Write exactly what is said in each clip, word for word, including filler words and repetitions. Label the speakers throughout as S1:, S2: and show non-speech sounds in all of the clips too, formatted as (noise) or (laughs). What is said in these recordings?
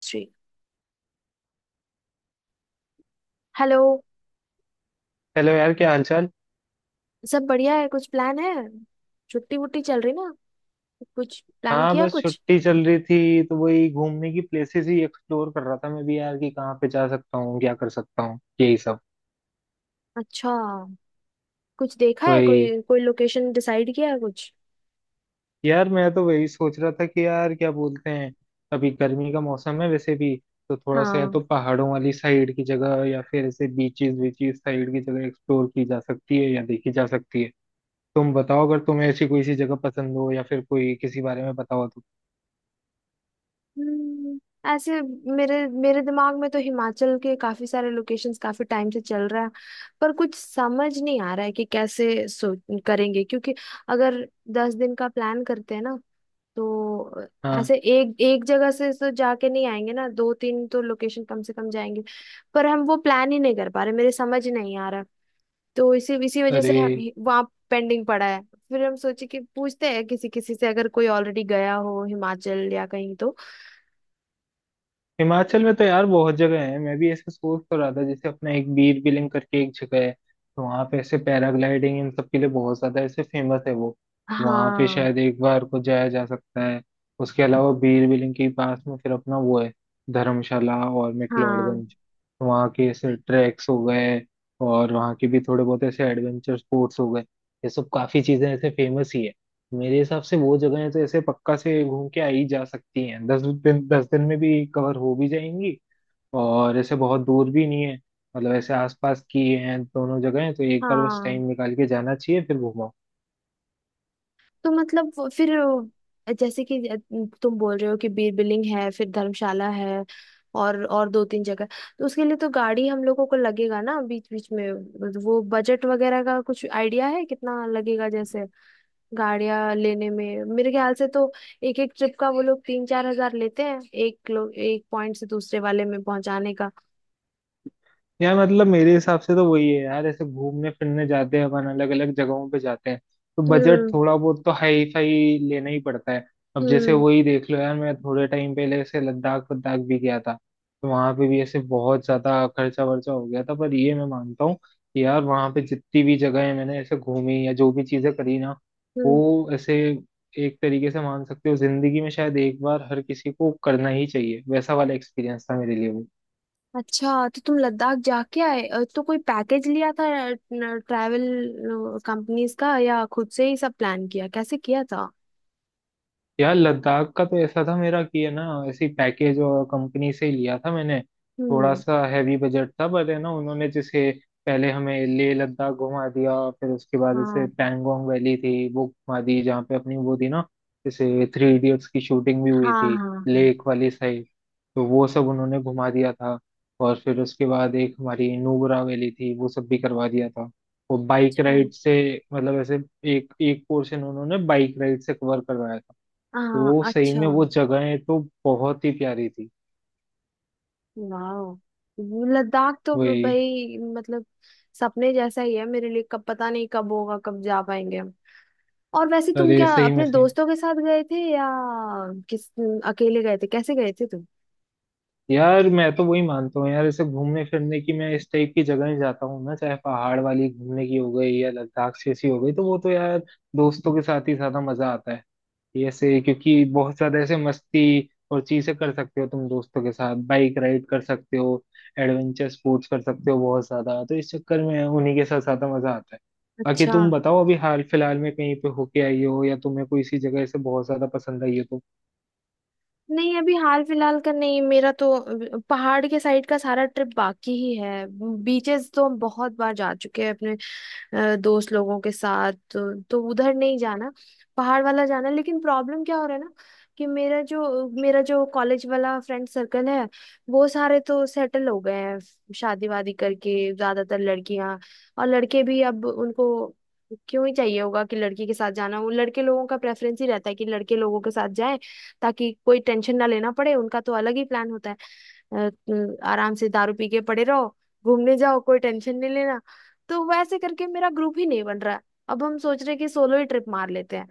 S1: Shri. Hello.
S2: Hello यार, क्या हालचाल।
S1: सब बढ़िया है। कुछ प्लान है? छुट्टी वुट्टी चल रही ना? कुछ प्लान
S2: हाँ,
S1: किया
S2: बस
S1: कुछ?
S2: छुट्टी चल रही थी तो वही घूमने की प्लेसेस ही एक्सप्लोर कर रहा था मैं भी यार, कि कहाँ पे जा सकता हूँ, क्या कर सकता हूँ, यही सब।
S1: अच्छा। कुछ देखा है?
S2: वही।
S1: कोई कोई लोकेशन डिसाइड किया है कुछ?
S2: यार, मैं तो वही सोच रहा था कि यार क्या बोलते हैं। अभी गर्मी का मौसम है वैसे भी। तो थोड़ा सा, या
S1: हाँ।
S2: तो पहाड़ों वाली साइड की जगह या फिर ऐसे बीचेस बीचेस साइड की जगह एक्सप्लोर की जा सकती है या देखी जा सकती है। तुम बताओ, अगर तुम्हें ऐसी कोई सी जगह पसंद हो या फिर कोई किसी बारे में बताओ तो।
S1: हम्म, ऐसे मेरे मेरे दिमाग में तो हिमाचल के काफी सारे लोकेशंस काफी टाइम से चल रहा है। पर कुछ समझ नहीं आ रहा है कि कैसे सो करेंगे, क्योंकि अगर दस दिन का प्लान करते हैं ना, तो
S2: हाँ।
S1: ऐसे एक एक जगह से तो जाके नहीं आएंगे ना, दो तीन तो लोकेशन कम से कम जाएंगे। पर हम वो प्लान ही नहीं कर पा रहे, मेरे समझ नहीं आ रहा। तो इसी इसी वजह से
S2: अरे,
S1: हम वहाँ पेंडिंग पड़ा है। फिर हम सोचे कि पूछते हैं किसी किसी से, अगर कोई ऑलरेडी गया हो हिमाचल या कहीं तो।
S2: हिमाचल में तो यार बहुत जगह है। मैं भी ऐसे सोच तो रहा था, जैसे अपना एक बीर बिलिंग करके एक जगह है, तो वहां पे ऐसे पैराग्लाइडिंग इन सब के लिए बहुत ज्यादा ऐसे फेमस है वो। वहां पे
S1: हाँ
S2: शायद एक बार को जाया जा सकता है। उसके अलावा बीर बिलिंग के पास में फिर अपना वो है, धर्मशाला और
S1: हाँ
S2: मैक्लोडगंज। तो वहाँ के ऐसे ट्रैक्स हो गए, और वहाँ के भी थोड़े बहुत ऐसे एडवेंचर स्पोर्ट्स हो गए, ये सब काफी चीजें ऐसे फेमस ही है। मेरे हिसाब से वो जगहें तो ऐसे पक्का से घूम के आई जा सकती हैं, दस दिन दस दिन में भी कवर हो भी जाएंगी। और ऐसे बहुत दूर भी नहीं है। मतलब ऐसे आसपास की हैं दोनों जगहें, तो एक बार बस
S1: हाँ।
S2: टाइम निकाल के जाना चाहिए फिर घूमो।
S1: तो मतलब वो- फिर, अ, जैसे कि, अ, तुम बोल रहे हो कि बीर बिलिंग है, फिर धर्मशाला है और और दो तीन जगह। तो उसके लिए तो गाड़ी हम लोगों को लगेगा ना बीच बीच में। वो बजट वगैरह का कुछ आइडिया है कितना लगेगा, जैसे गाड़ियां लेने में? मेरे ख्याल से तो एक एक ट्रिप का वो लोग तीन चार हजार लेते हैं, एक लोग एक पॉइंट से दूसरे वाले में पहुंचाने का।
S2: यार मतलब मेरे हिसाब से तो वही है यार, ऐसे घूमने फिरने जाते हैं अपन अलग अलग जगहों पे जाते हैं। तो बजट
S1: हम्म
S2: थोड़ा बहुत तो हाई फाई लेना ही पड़ता है। अब जैसे
S1: हम्म
S2: वही देख लो यार, मैं थोड़े टाइम पहले ऐसे लद्दाख वद्दाख भी गया था। तो वहां पे भी ऐसे बहुत ज्यादा खर्चा वर्चा हो गया था, पर ये मैं मानता हूँ कि यार वहां पे जितनी भी जगह मैंने ऐसे घूमी या जो भी चीजें करी ना,
S1: हम्म।
S2: वो ऐसे, एक तरीके से मान सकते हो जिंदगी में शायद एक बार हर किसी को करना ही चाहिए, वैसा वाला एक्सपीरियंस था मेरे लिए वो।
S1: अच्छा, तो तुम लद्दाख जाके आए? अ, तो कोई पैकेज लिया था ट्रैवल कंपनीज का, या खुद से ही सब प्लान किया, कैसे किया था?
S2: यार लद्दाख का तो ऐसा था मेरा कि है ना, ऐसी पैकेज और कंपनी से ही लिया था मैंने। थोड़ा
S1: हम्म।
S2: सा हैवी बजट था, पर है ना उन्होंने जैसे पहले हमें लेह लद्दाख घुमा दिया, फिर उसके बाद जैसे
S1: हाँ
S2: पैंगोंग वैली थी वो घुमा दी, जहाँ पे अपनी वो थी ना, जैसे थ्री इडियट्स की शूटिंग भी हुई
S1: हाँ
S2: थी,
S1: हाँ हाँ।
S2: लेक वाली साइड। तो वो सब उन्होंने घुमा दिया था। और फिर उसके बाद एक हमारी नुब्रा वैली थी, वो सब भी करवा दिया था, वो बाइक
S1: अच्छा।
S2: राइड से। मतलब ऐसे एक एक पोर्शन उन्होंने बाइक राइड से कवर करवाया।
S1: हाँ
S2: तो सही
S1: अच्छा।
S2: में वो जगहें तो बहुत ही प्यारी थी।
S1: वाह। लद्दाख तो ब-
S2: वही।
S1: भाई मतलब सपने जैसा ही है मेरे लिए। कब पता नहीं, कब होगा, कब जा पाएंगे हम। और वैसे तुम
S2: अरे,
S1: क्या
S2: सही में,
S1: अपने
S2: सही में।
S1: दोस्तों के साथ गए थे या? किस अकेले गए थे, कैसे गए थे तुम?
S2: यार मैं तो वही मानता हूँ यार, ऐसे घूमने फिरने की मैं इस टाइप की जगह जाता हूँ ना, चाहे पहाड़ वाली घूमने की हो गई या लद्दाख जैसी हो गई, तो वो तो यार दोस्तों के साथ ही ज्यादा मजा आता है। ये ऐसे क्योंकि बहुत ज्यादा ऐसे मस्ती और चीजें कर सकते हो तुम दोस्तों के साथ, बाइक राइड कर सकते हो, एडवेंचर स्पोर्ट्स कर सकते हो बहुत ज्यादा, तो इस चक्कर में उन्हीं के साथ ज्यादा मजा आता है। बाकी
S1: अच्छा।
S2: तुम बताओ, अभी हाल फिलहाल में कहीं पे होके आई हो या तुम्हें कोई इसी जगह से बहुत ज्यादा पसंद आई हो तो?
S1: नहीं, अभी हाल फिलहाल का नहीं। मेरा तो अ, पहाड़ के साइड का सारा ट्रिप बाकी ही है। बीचेस तो हम बहुत बार जा चुके हैं अपने अ, दोस्त लोगों के साथ, तो, तो, उधर नहीं जाना, पहाड़ वाला जाना। लेकिन प्रॉब्लम क्या हो रहा है ना, कि मेरा जो मेरा जो कॉलेज वाला फ्रेंड सर्कल है, वो सारे तो सेटल हो गए हैं शादी वादी करके। ज्यादातर लड़कियां, और लड़के भी, अब उनको क्यों ही चाहिए होगा कि लड़की के साथ जाना। वो लड़के लोगों का प्रेफरेंस ही रहता है कि लड़के लोगों के साथ जाएं, ताकि कोई टेंशन ना लेना पड़े। उनका तो अलग ही प्लान होता है, अ, अ, आराम से दारू पी के पड़े रहो, घूमने जाओ, कोई टेंशन नहीं लेना। तो वैसे करके मेरा ग्रुप ही नहीं बन रहा है। अब हम सोच रहे हैं कि सोलो ही ट्रिप मार लेते हैं,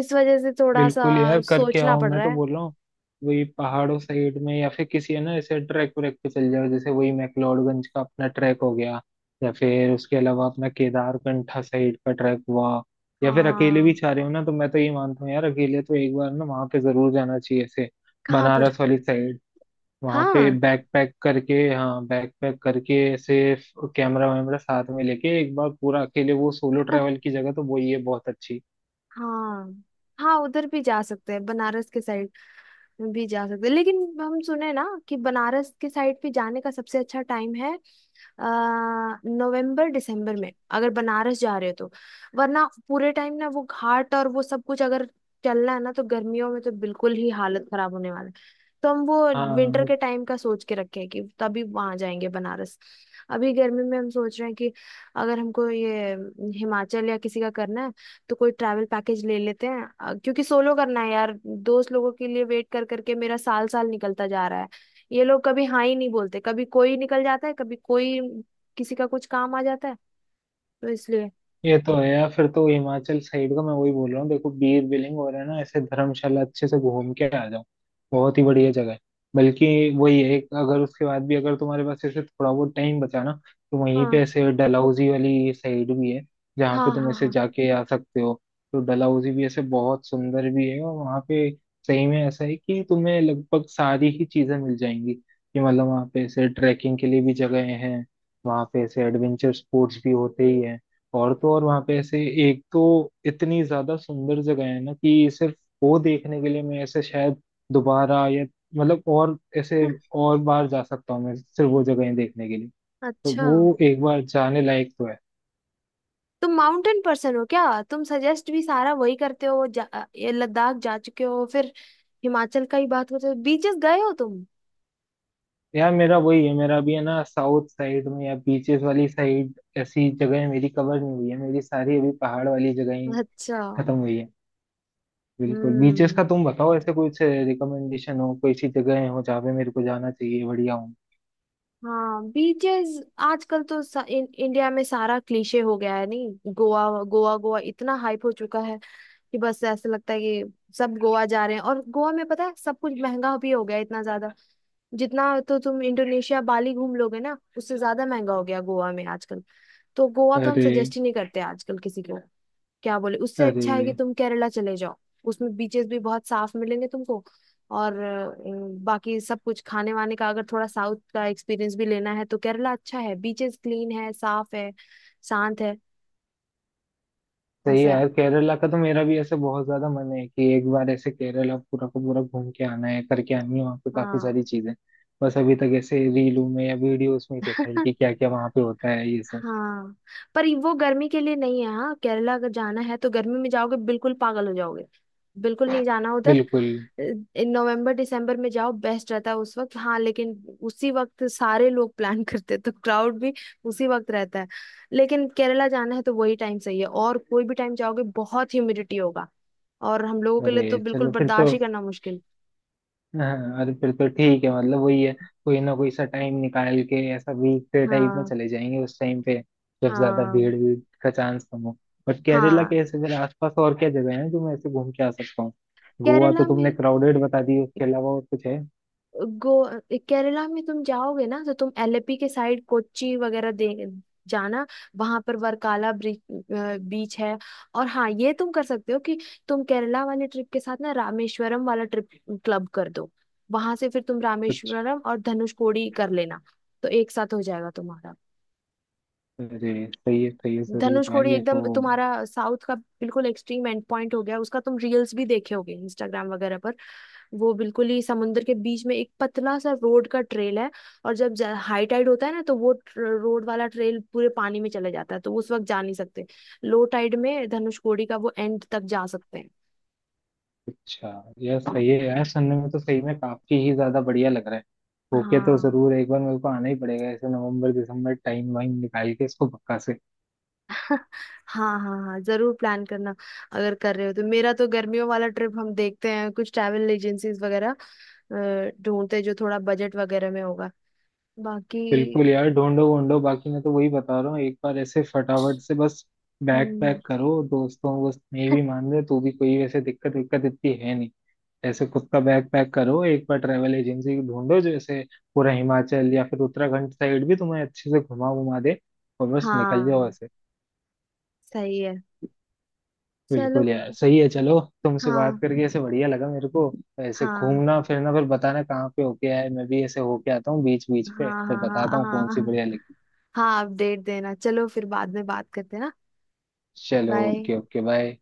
S1: इस वजह से थोड़ा सा
S2: बिल्कुल यार, करके
S1: सोचना
S2: आओ
S1: पड़
S2: मैं
S1: रहा
S2: तो
S1: है।
S2: बोल रहा हूँ। वही पहाड़ों साइड में या फिर किसी है ना, जैसे ट्रैक व्रैक पे चल जाओ, जैसे वही मैक्लोडगंज का अपना ट्रैक हो गया, या फिर उसके अलावा अपना केदारकंठा साइड का ट्रैक हुआ। या फिर अकेले भी
S1: हाँ।
S2: चाह रहे हो ना, तो मैं तो ये मानता हूँ यार, अकेले तो एक बार ना वहाँ पे जरूर जाना चाहिए ऐसे,
S1: कहाँ पर?
S2: बनारस वाली साइड। वहाँ पे
S1: हाँ
S2: बैकपैक करके, हाँ बैकपैक करके ऐसे कैमरा वैमरा साथ में लेके एक बार पूरा अकेले, वो सोलो
S1: (laughs)
S2: ट्रैवल की जगह तो वो ये बहुत अच्छी।
S1: हाँ। हाँ, उधर भी जा सकते हैं, बनारस के साइड भी जा सकते हैं। लेकिन हम सुने ना कि बनारस के साइड पे जाने का सबसे अच्छा टाइम है आ, नवंबर दिसंबर में, अगर बनारस जा रहे हो तो। वरना पूरे टाइम ना वो घाट और वो सब कुछ अगर चलना है ना, तो गर्मियों में तो बिल्कुल ही हालत खराब होने वाला है। तो हम वो विंटर
S2: हाँ,
S1: के टाइम का सोच के रखे हैं कि तभी वहां जाएंगे बनारस। अभी गर्मी में हम सोच रहे हैं कि अगर हमको ये हिमाचल या किसी का करना है, तो कोई ट्रैवल पैकेज ले लेते हैं, अ, क्योंकि सोलो करना है यार। दोस्त लोगों के लिए वेट कर करके मेरा साल साल निकलता जा रहा है। ये लोग कभी हाँ ही नहीं बोलते, कभी कोई निकल जाता है, कभी कोई, किसी का कुछ काम आ जाता है, तो इसलिए।
S2: ये तो है यार, फिर तो हिमाचल साइड का मैं वही बोल रहा हूँ, देखो बीर बिलिंग हो रहा है ना ऐसे, धर्मशाला अच्छे से घूम के आ जाओ। बहुत ही बढ़िया जगह है। बल्कि वही है एक- अगर उसके बाद भी अगर तुम्हारे पास ऐसे थोड़ा बहुत टाइम बचा ना, तो वहीं पे
S1: हाँ
S2: ऐसे डलहौजी वाली साइड भी है, जहाँ
S1: हाँ
S2: पे तुम ऐसे
S1: हाँ
S2: जाके आ सकते हो। तो डलहौजी भी ऐसे बहुत सुंदर भी है, और वहाँ पे सही में ऐसा है कि तुम्हें लगभग सारी ही चीजें मिल जाएंगी, कि मतलब वहाँ पे ऐसे ट्रैकिंग के लिए भी जगह हैं, वहाँ पे ऐसे एडवेंचर स्पोर्ट्स भी होते ही हैं। और तो और वहां पे ऐसे एक तो इतनी ज्यादा सुंदर जगह है ना, कि सिर्फ वो देखने के लिए मैं ऐसे शायद दोबारा या, मतलब, और ऐसे
S1: हाँ (laughs)
S2: और बार जा सकता हूँ मैं सिर्फ वो जगहें देखने के लिए। तो
S1: अच्छा।
S2: वो एक बार जाने लायक तो है।
S1: तुम माउंटेन पर्सन हो क्या? तुम सजेस्ट भी सारा वही करते हो, जा, ये लद्दाख जा चुके हो, फिर हिमाचल का ही बात होते हो, बीचेस गए हो तुम?
S2: यार मेरा वही है मेरा भी है ना, साउथ साइड में या बीचेस वाली साइड ऐसी जगहें मेरी कवर नहीं हुई है, मेरी सारी अभी पहाड़ वाली जगहें
S1: अच्छा।
S2: खत्म हुई है। बिल्कुल, बीचेस
S1: हम्म।
S2: का तुम बताओ, ऐसे कुछ रिकमेंडेशन हो, कोई सी जगहें हो जहाँ पे मेरे को जाना चाहिए, बढ़िया हो।
S1: हाँ, बीचेस। आजकल तो सा, इन, इंडिया में सारा क्लीशे हो गया है नहीं? गोवा गोवा गोवा इतना हाइप हो चुका है कि बस ऐसा लगता है कि सब गोवा जा रहे हैं, और गोवा में पता है सब कुछ महंगा भी हो गया है इतना ज्यादा, जितना, तो तुम इंडोनेशिया बाली घूम लोगे ना उससे ज्यादा महंगा हो गया गोवा में आजकल। तो गोवा तो हम
S2: अरे।
S1: सजेस्ट ही नहीं करते आजकल किसी को, क्या बोले। उससे
S2: अरे
S1: अच्छा है कि तुम केरला चले जाओ, उसमें बीचेस भी बहुत साफ मिलेंगे तुमको। और अ, बाकी सब कुछ खाने वाने का, अगर थोड़ा साउथ का एक्सपीरियंस भी लेना है तो केरला अच्छा है। बीचेस क्लीन है, साफ है, शांत है।
S2: सही
S1: ऐसा
S2: है
S1: है।
S2: यार, केरला का तो मेरा भी ऐसे बहुत ज्यादा मन है कि एक बार ऐसे केरला पूरा का पूरा घूम के आना है, करके आनी है वहाँ पे काफी
S1: हाँ
S2: सारी चीजें। बस अभी तक ऐसे रीलों में या वीडियोस में देखा है कि
S1: (laughs)
S2: क्या क्या वहाँ पे होता है ये सब।
S1: हाँ, पर ये- वो गर्मी के लिए नहीं है। हाँ, केरला अगर जाना है तो गर्मी में जाओगे बिल्कुल पागल हो जाओगे, बिल्कुल नहीं जाना उधर।
S2: बिल्कुल।
S1: इन नवंबर दिसंबर में जाओ बेस्ट रहता है उस वक्त। हाँ, लेकिन उसी वक्त सारे लोग प्लान (laughs) करते हैं तो क्राउड भी उसी वक्त रहता है। लेकिन केरला जाना है तो वही टाइम सही है, और कोई भी टाइम जाओगे बहुत ह्यूमिडिटी होगा, और हम लोगों के लिए
S2: अरे
S1: तो बिल्कुल
S2: चलो फिर तो,
S1: बर्दाश्त ही करना मुश्किल।
S2: हाँ अरे फिर तो ठीक है, मतलब वही है, कोई ना कोई सा टाइम निकाल के ऐसा वीकडे टाइप में
S1: हाँ
S2: चले जाएंगे उस टाइम पे, जब ज्यादा
S1: हाँ
S2: भीड़ भीड़ का चांस कम हो। बट केरला के
S1: हाँ।
S2: ऐसे फिर आसपास और क्या जगह है जो मैं ऐसे घूम के आ सकता हूँ, गोवा तो
S1: केरला
S2: तुमने
S1: में,
S2: क्राउडेड बता दी, उसके अलावा और कुछ है।
S1: गो केरला में तुम जाओगे ना, तो तुम एलेपी के साइड, कोच्चि वगैरह दे जाना। वहां पर वर्काला बीच है। और हाँ, ये तुम कर सकते हो कि तुम केरला वाले ट्रिप के साथ ना रामेश्वरम वाला ट्रिप क्लब कर दो। वहां से फिर तुम
S2: अच्छा,
S1: रामेश्वरम और धनुषकोडी कर लेना, तो एक साथ हो जाएगा तुम्हारा।
S2: अरे सही है सही है जरूर यार,
S1: धनुषकोडी
S2: ये तो।
S1: एकदम तुम्हारा साउथ का बिल्कुल एक्सट्रीम एंड पॉइंट हो गया उसका। तुम रील्स भी देखे होगे इंस्टाग्राम वगैरह पर। वो बिल्कुल ही समुद्र के बीच में एक पतला सा रोड का ट्रेल है। और जब हाई टाइड होता है ना, तो वो रोड वाला ट्रेल पूरे पानी में चले जाता है, तो उस वक्त जा नहीं सकते। लो टाइड में धनुषकोडी का वो एंड तक जा सकते हैं।
S2: अच्छा, यार सही है यार, सुनने में तो सही में काफी ही ज्यादा बढ़िया लग रहा है। ओके, तो
S1: हाँ
S2: जरूर एक बार मेरे को आना ही पड़ेगा ऐसे, नवंबर दिसंबर टाइम वाइम निकाल के इसको पक्का से।
S1: (laughs) हाँ हाँ, हाँ जरूर प्लान करना, अगर कर रहे हो तो। मेरा तो गर्मियों वाला ट्रिप हम देखते हैं, कुछ ट्रैवल एजेंसीज वगैरह अ, ढूंढते हैं जो थोड़ा बजट वगैरह में होगा। बाकी
S2: बिल्कुल यार, ढूंढो ढूंढो, बाकी मैं तो वही बता रहा हूँ, एक बार ऐसे फटाफट से बस बैक
S1: हम्म,
S2: पैक करो, दोस्तों वो नहीं भी मान रहे तो भी कोई वैसे दिक्कत विक्कत इतनी है नहीं। ऐसे खुद का बैग पैक करो, एक बार ट्रेवल एजेंसी ढूंढो जो ऐसे पूरा हिमाचल या फिर उत्तराखंड साइड भी तुम्हें अच्छे से घुमा घुमा दे, और बस निकल जाओ
S1: हाँ,
S2: ऐसे।
S1: सही है। चलो।
S2: बिल्कुल यार, सही है, चलो। तुमसे बात
S1: हाँ
S2: करके ऐसे बढ़िया लगा मेरे को। ऐसे
S1: हाँ
S2: घूमना फिरना, फिर बताना कहाँ पे होके आए, मैं भी ऐसे होके आता हूँ बीच बीच पे,
S1: हाँ
S2: फिर
S1: हाँ
S2: बताता
S1: हाँ
S2: हूँ
S1: हाँ
S2: कौन सी
S1: हाँ।
S2: बढ़िया लगी।
S1: हाँ, अपडेट देना। चलो, फिर बाद में बात करते हैं ना।
S2: चलो,
S1: बाय।
S2: Okay okay, bye.